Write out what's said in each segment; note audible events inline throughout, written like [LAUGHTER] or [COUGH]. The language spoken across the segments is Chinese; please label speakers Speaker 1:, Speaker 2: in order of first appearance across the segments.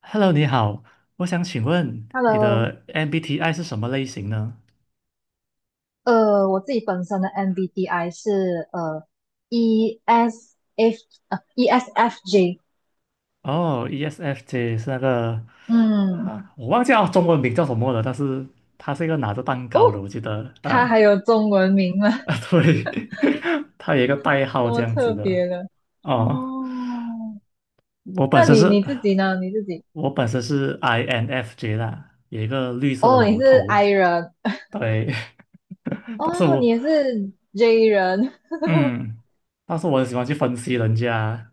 Speaker 1: Hello，你好，我想请问你
Speaker 2: Hello，
Speaker 1: 的 MBTI 是什么类型呢？
Speaker 2: 我自己本身的 MBTI 是呃 ESF 呃 ESFJ，
Speaker 1: 哦，ESFJ 是那个，
Speaker 2: 嗯。
Speaker 1: 我忘记叫中文名叫什么了，但是它是一个拿着蛋糕的，
Speaker 2: 哦，
Speaker 1: 我记得
Speaker 2: 它
Speaker 1: 啊。
Speaker 2: 还有中文名吗？
Speaker 1: 啊对，[LAUGHS] 它有一个代
Speaker 2: [LAUGHS]
Speaker 1: 号这
Speaker 2: 多
Speaker 1: 样子
Speaker 2: 特
Speaker 1: 的。
Speaker 2: 别的
Speaker 1: 哦，
Speaker 2: 哦。
Speaker 1: 我本
Speaker 2: 那
Speaker 1: 身
Speaker 2: 你
Speaker 1: 是，
Speaker 2: 你自己呢？你自己
Speaker 1: 我本身是 INFJ 啦，有一个绿色的
Speaker 2: 哦，你
Speaker 1: 老
Speaker 2: 是
Speaker 1: 头。
Speaker 2: I 人。
Speaker 1: 对，[LAUGHS] 但是
Speaker 2: 哦，你
Speaker 1: 我
Speaker 2: 也是 J 人。 [LAUGHS]
Speaker 1: 嗯，但是我很喜欢去分析人家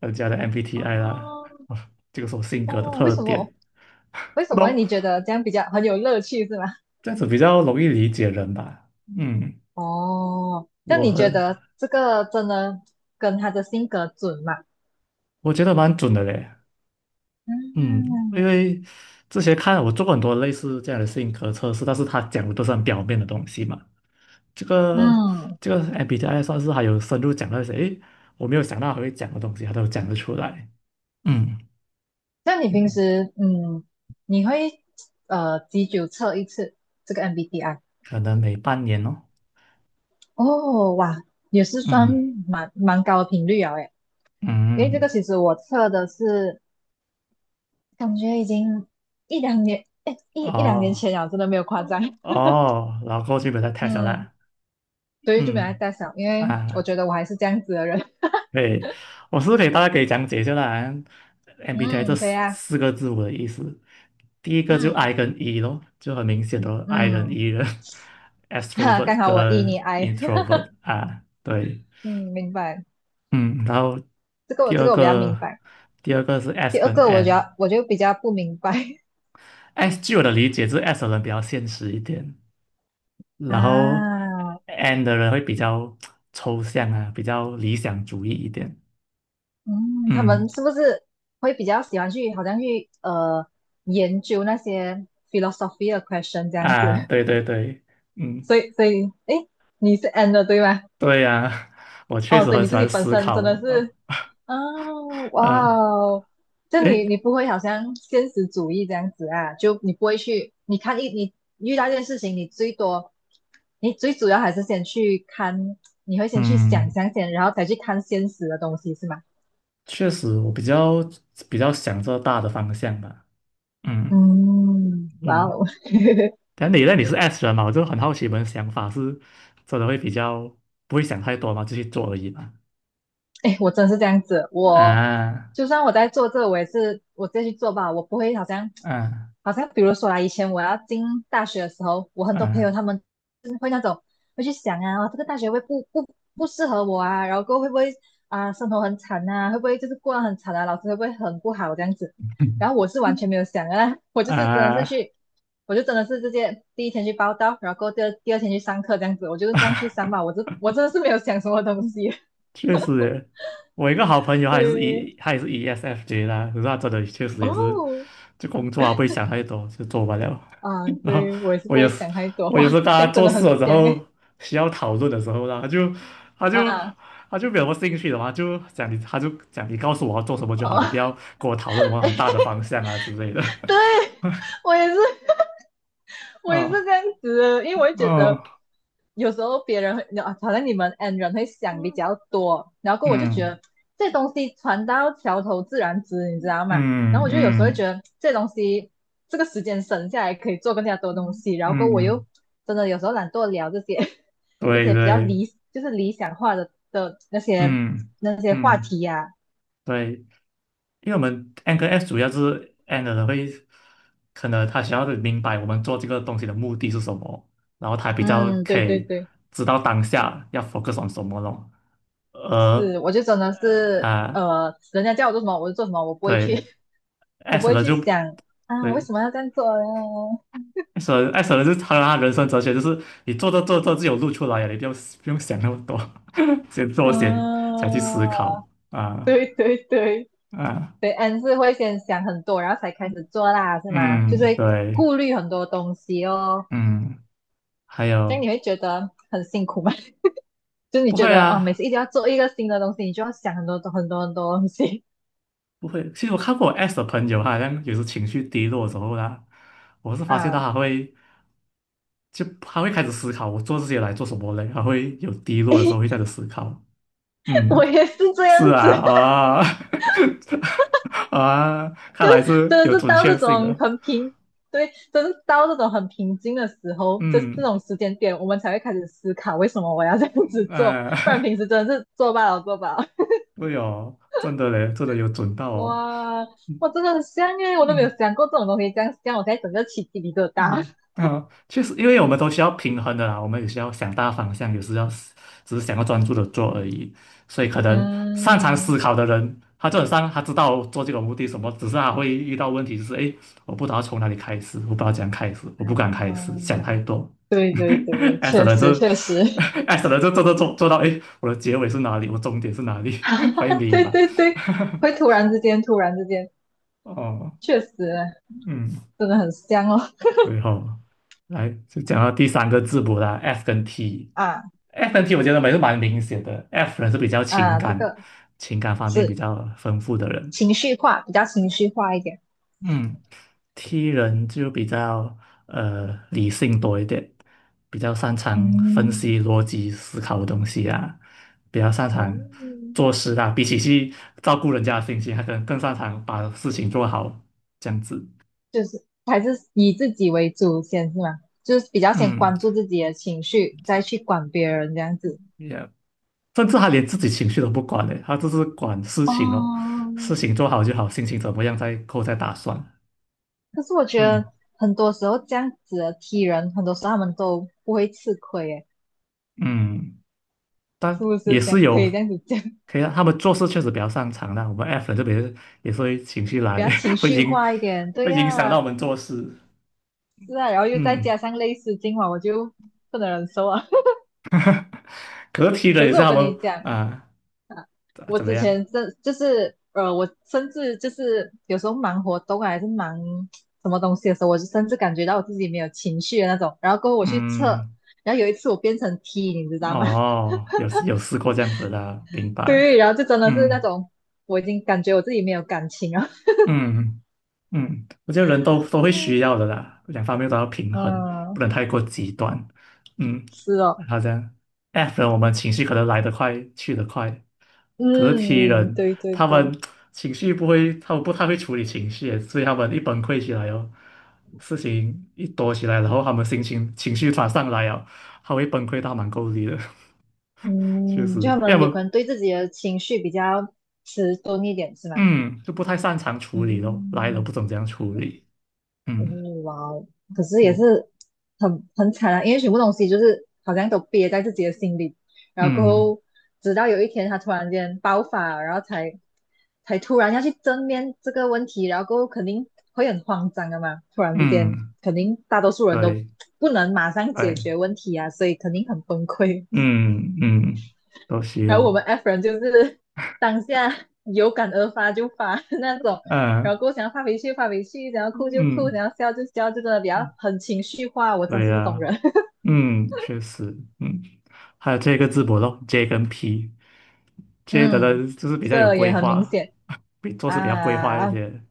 Speaker 1: 人家的 MBTI 啦，
Speaker 2: 哦
Speaker 1: [LAUGHS] 啊这个是我性格的
Speaker 2: 哦，为
Speaker 1: 特
Speaker 2: 什么
Speaker 1: 点。
Speaker 2: 为
Speaker 1: 不
Speaker 2: 什么
Speaker 1: 懂，
Speaker 2: 你觉得这样比较很有乐趣是吗？
Speaker 1: 这样子比较容易理解人吧。嗯，
Speaker 2: 哦，那
Speaker 1: 我
Speaker 2: 你觉
Speaker 1: 很
Speaker 2: 得这个真的跟他的性格准吗？
Speaker 1: 我觉得蛮准的嘞。嗯，因
Speaker 2: 嗯
Speaker 1: 为之前看我做过很多类似这样的性格测试，但是他讲的都是很表面的东西嘛。这个
Speaker 2: 嗯。
Speaker 1: 这个 MBTI 算是还有深入讲到一些，诶，我没有想到还会讲的东西，他都讲得出来。嗯
Speaker 2: 像你平
Speaker 1: 嗯，
Speaker 2: 时你会几久测一次这个 MBTI？
Speaker 1: 可能每半年哦。
Speaker 2: 哦，哇，也是算
Speaker 1: 嗯
Speaker 2: 蛮高的频率啊，诶，因为
Speaker 1: 嗯。
Speaker 2: 这个
Speaker 1: 嗯。
Speaker 2: 其实我测的是感觉已经一两年，诶，一两年
Speaker 1: 哦
Speaker 2: 前了，真的没有夸张。[LAUGHS]
Speaker 1: 哦，然后过去把它 e 下
Speaker 2: 嗯，
Speaker 1: 来。
Speaker 2: 所以就没有
Speaker 1: 嗯。
Speaker 2: 再想，因为我
Speaker 1: 啊，
Speaker 2: 觉得我还是这样子的人。[LAUGHS]
Speaker 1: 对，我是不是可以大概可以讲解一下啦？MBTI 这
Speaker 2: 嗯，对
Speaker 1: 四
Speaker 2: 呀、
Speaker 1: 四个字母的意思，第一个就
Speaker 2: 嗯
Speaker 1: I 跟 E 咯，就很明显的 I 人
Speaker 2: 嗯。
Speaker 1: E 人， [LAUGHS]
Speaker 2: [LAUGHS] 哈，
Speaker 1: ，extrovert
Speaker 2: 刚好我 E 你
Speaker 1: 跟
Speaker 2: I。
Speaker 1: introvert 啊，对。
Speaker 2: [LAUGHS] 嗯，明白，
Speaker 1: 嗯，然后
Speaker 2: 这个我
Speaker 1: 第
Speaker 2: 这
Speaker 1: 二
Speaker 2: 个我比较明
Speaker 1: 个
Speaker 2: 白。
Speaker 1: 第二个是
Speaker 2: 第
Speaker 1: S
Speaker 2: 二
Speaker 1: 跟
Speaker 2: 个我觉
Speaker 1: N。
Speaker 2: 得我就比较不明白。 [LAUGHS]
Speaker 1: 据我的理解，就是 S 的人比较现实一点，然后
Speaker 2: 啊，
Speaker 1: N 的人会比较抽象啊，比较理想主义一点。
Speaker 2: 嗯，他
Speaker 1: 嗯。
Speaker 2: 们是不是会比较喜欢去，好像去研究那些 philosophy 的 question 这样子？
Speaker 1: 啊，对对对。
Speaker 2: [LAUGHS]
Speaker 1: 嗯，
Speaker 2: 所以，诶，你是 N 的对吗？
Speaker 1: 对呀、[LAUGHS] 我确
Speaker 2: 哦，
Speaker 1: 实
Speaker 2: 所以
Speaker 1: 很
Speaker 2: 你
Speaker 1: 喜
Speaker 2: 自己
Speaker 1: 欢
Speaker 2: 本
Speaker 1: 思
Speaker 2: 身
Speaker 1: 考
Speaker 2: 真的
Speaker 1: 啊。
Speaker 2: 是。哦，哇
Speaker 1: 啊，
Speaker 2: 哦，就你
Speaker 1: 诶，
Speaker 2: 你不会好像现实主义这样子啊？就你不会去，你看一你遇到一件事情，你最多，你最主要还是先去看，你会先去想
Speaker 1: 嗯，
Speaker 2: 象先，然后才去看现实的东西是吗？
Speaker 1: 确实我比较想这大的方向吧。嗯。
Speaker 2: 嗯，哇
Speaker 1: 嗯，
Speaker 2: 哦。[LAUGHS]
Speaker 1: 但你那你是 S 人嘛，我就很好奇你们想法是真的会比较不会想太多嘛，就去做而已嘛。
Speaker 2: 哎，我真的是这样子，我
Speaker 1: 啊
Speaker 2: 就算我在做这个，我也是我自己去做吧，我不会好像
Speaker 1: 啊
Speaker 2: 比如说啊，以前我要进大学的时候，我很多朋友
Speaker 1: 啊
Speaker 2: 他们是会那种会去想啊，哦这个大学会不适合我啊，然后过后会不会啊生活很惨啊，会不会就是过得很惨啊，老师会不会很不好这样子，然后我
Speaker 1: [LAUGHS]
Speaker 2: 是完全没有想啊，[LAUGHS] 我就是真的是
Speaker 1: 啊，
Speaker 2: 去，我就真的是直接第一天去报到，然后过后第二天去上课这样子，我就是这样去上吧，我这我真的是没有想什么东西。[LAUGHS]
Speaker 1: 确实耶，我一个好朋友，他也是
Speaker 2: 对。
Speaker 1: E，他也是 ESFJ 啦，可是他真的确实也是，
Speaker 2: 哦，
Speaker 1: 就工作啊不会想太多，就做完了。
Speaker 2: 啊，
Speaker 1: [LAUGHS] 然后
Speaker 2: 对，我也是
Speaker 1: 我
Speaker 2: 不
Speaker 1: 也
Speaker 2: 会
Speaker 1: 是，
Speaker 2: 想太多，
Speaker 1: 我有
Speaker 2: 哇，
Speaker 1: 时候
Speaker 2: 这
Speaker 1: 大家
Speaker 2: 样真
Speaker 1: 做
Speaker 2: 的
Speaker 1: 事
Speaker 2: 很
Speaker 1: 的时
Speaker 2: 香
Speaker 1: 候
Speaker 2: 诶。
Speaker 1: 需要讨论的时候啦，他就
Speaker 2: 啊，
Speaker 1: 他就没有什么兴趣的嘛，就讲你，他就讲你告诉我要做什么就好，你不要
Speaker 2: 哦，
Speaker 1: 跟我讨论什么很大的方向啊之类的。
Speaker 2: [LAUGHS] 对，我也是，
Speaker 1: [LAUGHS]
Speaker 2: 我也是这
Speaker 1: 啊，
Speaker 2: 样子，因为我会觉
Speaker 1: 哦。
Speaker 2: 得有时候别人啊好像你们 N 人会想比较多，然后我就觉
Speaker 1: 嗯
Speaker 2: 得这东西船到桥头自然直，你知道吗？然
Speaker 1: 嗯
Speaker 2: 后我就有时候会觉
Speaker 1: 嗯
Speaker 2: 得这东西这个时间省下来可以做更加多东
Speaker 1: 嗯
Speaker 2: 西，然后我又
Speaker 1: 嗯，
Speaker 2: 真的有时候懒惰聊这些
Speaker 1: 对
Speaker 2: 比较
Speaker 1: 对，
Speaker 2: 就是理想化的那些
Speaker 1: 嗯
Speaker 2: 话
Speaker 1: 嗯。
Speaker 2: 题呀、
Speaker 1: 对。因为我们 N 跟 S 主要是 N 的人会，可能他想要的明白我们做这个东西的目的是什么，然后他比较
Speaker 2: 嗯，
Speaker 1: 可
Speaker 2: 对对
Speaker 1: 以
Speaker 2: 对，
Speaker 1: 知道当下要 focus on 什么咯。而
Speaker 2: 是，我就真的是
Speaker 1: 啊，
Speaker 2: 人家叫我做什么我就做什么，我不会去
Speaker 1: 对。
Speaker 2: 我不
Speaker 1: S
Speaker 2: 会
Speaker 1: 的
Speaker 2: 去
Speaker 1: 就
Speaker 2: 想啊，为
Speaker 1: 对，
Speaker 2: 什么要这样做呢。
Speaker 1: S 的就是他人生哲学就是你做着做着就有路出来了，你不用不用想那么多，[LAUGHS] 先做
Speaker 2: 嗯，
Speaker 1: 先才去思考。
Speaker 2: [LAUGHS]
Speaker 1: 啊
Speaker 2: 对对对
Speaker 1: 啊。
Speaker 2: 对。嗯，是会先想很多，然后才开始做啦，是吗？就是
Speaker 1: 嗯。
Speaker 2: 会
Speaker 1: 对。
Speaker 2: 顾虑很多东西哦。
Speaker 1: 嗯。还
Speaker 2: 这样
Speaker 1: 有
Speaker 2: 你会觉得很辛苦吗？[LAUGHS] 就是你
Speaker 1: 不
Speaker 2: 觉
Speaker 1: 会
Speaker 2: 得哦，每次
Speaker 1: 啊。
Speaker 2: 一定要做一个新的东西，你就要想很多很多很多东西
Speaker 1: 不会，其实我看过我 S 的朋友，他好像有时情绪低落的时候呢，我是发现到
Speaker 2: 啊。
Speaker 1: 他会，他会开始思考，我做这些来做什么嘞？他会有低落的时候会开始思考。
Speaker 2: [LAUGHS]
Speaker 1: 嗯，
Speaker 2: 我也是这样
Speaker 1: 是
Speaker 2: 子，
Speaker 1: 啊。啊 [LAUGHS] 啊，看来是
Speaker 2: 真
Speaker 1: 有
Speaker 2: 的是
Speaker 1: 准
Speaker 2: 到这
Speaker 1: 确性
Speaker 2: 种
Speaker 1: 的。
Speaker 2: 很平，对，真是到这种很平静的时候，这这
Speaker 1: 嗯，
Speaker 2: 种时间点，我们才会开始思考为什么我要这样子做，
Speaker 1: 啊
Speaker 2: 不然
Speaker 1: 哎、
Speaker 2: 平时真的是做罢了做罢了。
Speaker 1: [LAUGHS] 对哦，真的嘞，真的有准到
Speaker 2: [LAUGHS]
Speaker 1: 哦。
Speaker 2: 哇，我真的很香耶！我都没有
Speaker 1: 嗯。
Speaker 2: 想过这种东西，这样这样我才整个起鸡皮疙瘩。
Speaker 1: 嗯，啊，确实，因为我们都需要平衡的啦，我们也需要想大方向，有时要只是想要专注的做而已。所以可能擅长
Speaker 2: 嗯
Speaker 1: 思考的人，他就本上他知道做这个目的什么，只是他会遇到问题，就是诶，我不知道从哪里开始，我不知道怎样开始，我不敢开始，想太
Speaker 2: 嗯
Speaker 1: 多。
Speaker 2: 对对对，
Speaker 1: [LAUGHS] S
Speaker 2: 确
Speaker 1: 的
Speaker 2: 实
Speaker 1: 就就
Speaker 2: 确实。
Speaker 1: [LAUGHS] S 的人就做做做做到，诶，我的结尾是哪里？我终点是哪里？[LAUGHS] 欢会
Speaker 2: [LAUGHS]
Speaker 1: 迷
Speaker 2: 对
Speaker 1: 茫。
Speaker 2: 对对，会突然之间，突然之间，
Speaker 1: [LAUGHS] 哦，
Speaker 2: 确实
Speaker 1: 嗯。
Speaker 2: 真的很香哦。
Speaker 1: 最后来就讲到第三个字母啦，F 跟 T。
Speaker 2: 啊
Speaker 1: F 跟 T 我觉得还是蛮明显的，F 人是比较情
Speaker 2: 啊，这
Speaker 1: 感、
Speaker 2: 个
Speaker 1: 情感方面比
Speaker 2: 是。
Speaker 1: 较丰富的人。
Speaker 2: 情绪化，比较情绪化一点。
Speaker 1: 嗯，T 人就比较呃理性多一点，比较擅长分
Speaker 2: 嗯，
Speaker 1: 析逻辑思考的东西啊，比较擅长
Speaker 2: 哦，
Speaker 1: 做事啊，比起去照顾人家的心情，他可能更擅长把事情做好这样子。
Speaker 2: 就是还是以自己为主先是吗？就是比较先
Speaker 1: 嗯，
Speaker 2: 关注自己的情绪，再去管别人这样子。
Speaker 1: y e a h 甚至他连自己情绪都不管嘞，他就是管事情哦，
Speaker 2: 哦，
Speaker 1: 事情做好就好，心情怎么样再后再打算。
Speaker 2: 可是我觉
Speaker 1: 嗯。
Speaker 2: 得很多时候这样子的 T 人，很多时候他们都不会吃亏，诶，
Speaker 1: 嗯，但
Speaker 2: 是不
Speaker 1: 也
Speaker 2: 是这
Speaker 1: 是
Speaker 2: 样？可
Speaker 1: 有，
Speaker 2: 以这样子讲。
Speaker 1: 可以啊，他们做事确实比较擅长的。我们 F 人这边也是会情绪
Speaker 2: [LAUGHS] 比
Speaker 1: 来，
Speaker 2: 较情
Speaker 1: [LAUGHS] 会
Speaker 2: 绪
Speaker 1: 影
Speaker 2: 化一点。对
Speaker 1: 会影响到
Speaker 2: 呀、
Speaker 1: 我们做事。
Speaker 2: 是啊，然后又再
Speaker 1: 嗯，
Speaker 2: 加上类似今晚我就不能忍受啊。
Speaker 1: 可是
Speaker 2: [LAUGHS]
Speaker 1: 的
Speaker 2: 可
Speaker 1: 也
Speaker 2: 是
Speaker 1: 是
Speaker 2: 我
Speaker 1: 他
Speaker 2: 跟
Speaker 1: 们。
Speaker 2: 你讲，
Speaker 1: 啊，
Speaker 2: 我
Speaker 1: 怎么
Speaker 2: 之
Speaker 1: 样？
Speaker 2: 前真就是我甚至就是有时候忙活动啊还是忙什么东西的时候，我就甚至感觉到我自己没有情绪的那种。然后过后我去测，
Speaker 1: 嗯，
Speaker 2: 然后有一次我变成 T，你知道吗？
Speaker 1: 哦，有有试过这样子的，明
Speaker 2: [LAUGHS]
Speaker 1: 白。
Speaker 2: 对，然后就真的是那
Speaker 1: 嗯
Speaker 2: 种我已经感觉我自己没有感情了。
Speaker 1: 嗯。嗯，我觉得人都会需要的啦，两方面都要
Speaker 2: [LAUGHS]
Speaker 1: 平衡，不
Speaker 2: 嗯，
Speaker 1: 能太过极端。嗯，
Speaker 2: 是哦。
Speaker 1: 好像 F 人我们情绪可能来得快，去得快，可是 T
Speaker 2: 嗯，
Speaker 1: 人
Speaker 2: 对对
Speaker 1: 他们
Speaker 2: 对。
Speaker 1: 情绪不会，他们不太会处理情绪，所以他们一崩溃起来哦，事情一多起来，然后他们心情情绪突然上来哦，他会崩溃到蛮够力的，[LAUGHS] 确
Speaker 2: 嗯，就
Speaker 1: 实，
Speaker 2: 他
Speaker 1: 要
Speaker 2: 们有
Speaker 1: 么
Speaker 2: 可能对自己的情绪比较迟钝一点，是吗？
Speaker 1: 嗯就不太擅长处理咯，来了
Speaker 2: 嗯。
Speaker 1: 不懂怎样处理。
Speaker 2: 哦，
Speaker 1: 嗯
Speaker 2: 哇哦，可是也
Speaker 1: 嗯
Speaker 2: 是很惨啊，因为全部东西就是好像都憋在自己的心里，然后过
Speaker 1: 嗯
Speaker 2: 后直到有一天他突然间爆发，然后才突然要去正面这个问题，然后过后肯定会很慌张的嘛，突然之间
Speaker 1: 嗯。
Speaker 2: 肯定大多数人都
Speaker 1: 对，
Speaker 2: 不能马上解
Speaker 1: 哎，
Speaker 2: 决问题啊，所以肯定很崩溃。
Speaker 1: 嗯嗯，都需
Speaker 2: 然后我
Speaker 1: 要。
Speaker 2: 们 F 人就是 [LAUGHS] 当下有感而发就发的那种，然
Speaker 1: 嗯
Speaker 2: 后过后想要发脾气发脾气，想要哭就哭，
Speaker 1: 嗯，
Speaker 2: 想要笑就笑，就真的比较很情绪化。我真
Speaker 1: 对
Speaker 2: 是这种
Speaker 1: 呀、
Speaker 2: 人。
Speaker 1: 嗯，确实。嗯，还有这个字母咯，J 跟 P，J
Speaker 2: [LAUGHS]
Speaker 1: 的
Speaker 2: 嗯，
Speaker 1: 人就是
Speaker 2: 这
Speaker 1: 比较有
Speaker 2: 个也
Speaker 1: 规
Speaker 2: 很明
Speaker 1: 划，
Speaker 2: 显
Speaker 1: [LAUGHS] 比做事比较规划一
Speaker 2: 啊，
Speaker 1: 点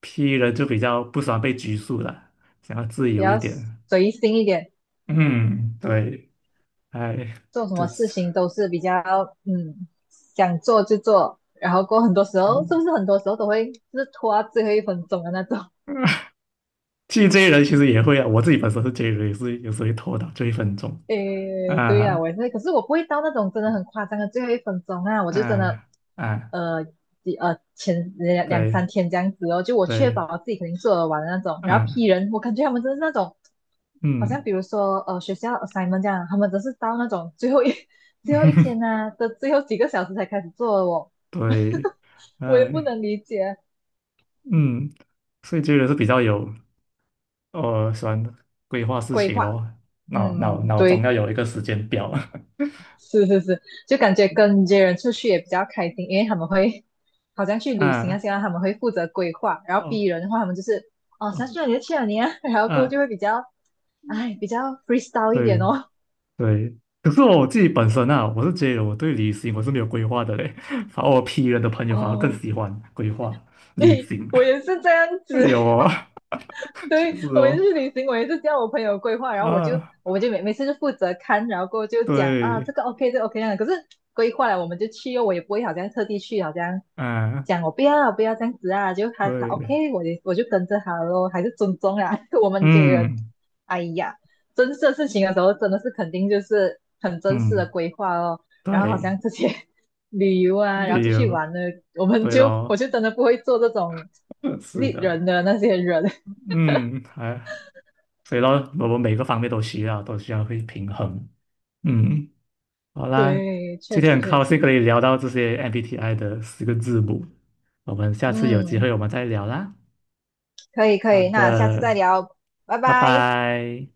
Speaker 1: ，P 人就比较不喜欢被拘束了，想要自
Speaker 2: 比
Speaker 1: 由一
Speaker 2: 较
Speaker 1: 点。
Speaker 2: 随心一点，
Speaker 1: 嗯，对，哎，
Speaker 2: 做什
Speaker 1: 就
Speaker 2: 么事情都是比较想做就做，然后过后很多时候是
Speaker 1: 嗯
Speaker 2: 不是很多时候都会就是拖到最后一分钟的那种。
Speaker 1: 其这 j 人其实也会啊，我自己本身是 J 人，也是有时候会拖到就一分钟。
Speaker 2: 诶，对呀、
Speaker 1: 啊
Speaker 2: 我也是，可是我不会到那种真的很夸张的最后一分钟啊，我就真的，
Speaker 1: 啊啊。
Speaker 2: 呃，前两三
Speaker 1: 对
Speaker 2: 天这样子哦，就我确
Speaker 1: 对，
Speaker 2: 保我自己肯定做得完的那种，然后
Speaker 1: 啊。
Speaker 2: P 人，我感觉他们真的是那种，好像
Speaker 1: 嗯，
Speaker 2: 比如说学校 assignment 这样，他们只是到那种最后一 [LAUGHS] 最后一天
Speaker 1: [LAUGHS]
Speaker 2: 呐、的最后几个小时才开始做的哦，
Speaker 1: 对，
Speaker 2: 我也不
Speaker 1: 哎。
Speaker 2: 能理解。
Speaker 1: 嗯，所以这个是比较有，呃，喜欢规划事
Speaker 2: 规
Speaker 1: 情
Speaker 2: 划，
Speaker 1: 咯，
Speaker 2: 嗯，
Speaker 1: 脑中
Speaker 2: 对。
Speaker 1: 要有一个时间表，
Speaker 2: 是是是，就感觉跟这些人出去也比较开心，因为他们会好像去
Speaker 1: [LAUGHS]
Speaker 2: 旅行啊，
Speaker 1: 啊，
Speaker 2: 现在他们会负责规划，然后
Speaker 1: 哦。
Speaker 2: B 人的话，他们就是哦
Speaker 1: 哦，
Speaker 2: 想去哪里就去哪里啊，[LAUGHS] 然后过后就
Speaker 1: 啊，
Speaker 2: 会比较哎比较 freestyle 一点
Speaker 1: 对
Speaker 2: 哦。
Speaker 1: 对，可是我自己本身啊，我是觉得我对旅行我是没有规划的嘞，[LAUGHS] 反而我 P 人的朋友反而更
Speaker 2: 哦，
Speaker 1: 喜欢规划旅
Speaker 2: 诶，
Speaker 1: 行。
Speaker 2: 我也是这样
Speaker 1: [LAUGHS]
Speaker 2: 子。
Speaker 1: 有哦，
Speaker 2: [LAUGHS]
Speaker 1: [LAUGHS] 确
Speaker 2: 对，
Speaker 1: 实
Speaker 2: 我每次
Speaker 1: 哦。
Speaker 2: 去旅行，我也是叫我朋友规划，然后我就
Speaker 1: 啊，
Speaker 2: 我就每次就负责看，然后过后就讲啊这
Speaker 1: 对，
Speaker 2: 个 OK 这个 OK 那样的可是规划了我们就去哦，我也不会好像特地去，好像
Speaker 1: 啊，
Speaker 2: 讲我不要这样子啊，就他
Speaker 1: 对，
Speaker 2: OK，我也我就跟着他咯，还是尊重啊。[LAUGHS] 我们这个，
Speaker 1: 嗯。
Speaker 2: 哎呀，真式的事情的时候真的是肯定就是很真实的
Speaker 1: 嗯，
Speaker 2: 规划哦，然后好
Speaker 1: 对，
Speaker 2: 像这些 [LAUGHS] 旅游啊，然后
Speaker 1: 理
Speaker 2: 出去
Speaker 1: 由。
Speaker 2: 玩呢，我们
Speaker 1: 对
Speaker 2: 就我
Speaker 1: 咯，
Speaker 2: 就真的不会做这种。
Speaker 1: [LAUGHS] 是
Speaker 2: 利
Speaker 1: 的。
Speaker 2: 人的那些人，
Speaker 1: 嗯，所以咯，我们每个方面都需要，都需要会平衡。嗯，好啦，
Speaker 2: 对，
Speaker 1: 今
Speaker 2: 确
Speaker 1: 天
Speaker 2: 实
Speaker 1: 很
Speaker 2: 确
Speaker 1: 高兴
Speaker 2: 实。
Speaker 1: 可以聊到这些 MBTI 的四个字母，我们下次有机
Speaker 2: 嗯，
Speaker 1: 会我们再聊啦。
Speaker 2: 可以可
Speaker 1: 好
Speaker 2: 以，那下次再
Speaker 1: 的，
Speaker 2: 聊，拜
Speaker 1: 拜
Speaker 2: 拜。
Speaker 1: 拜。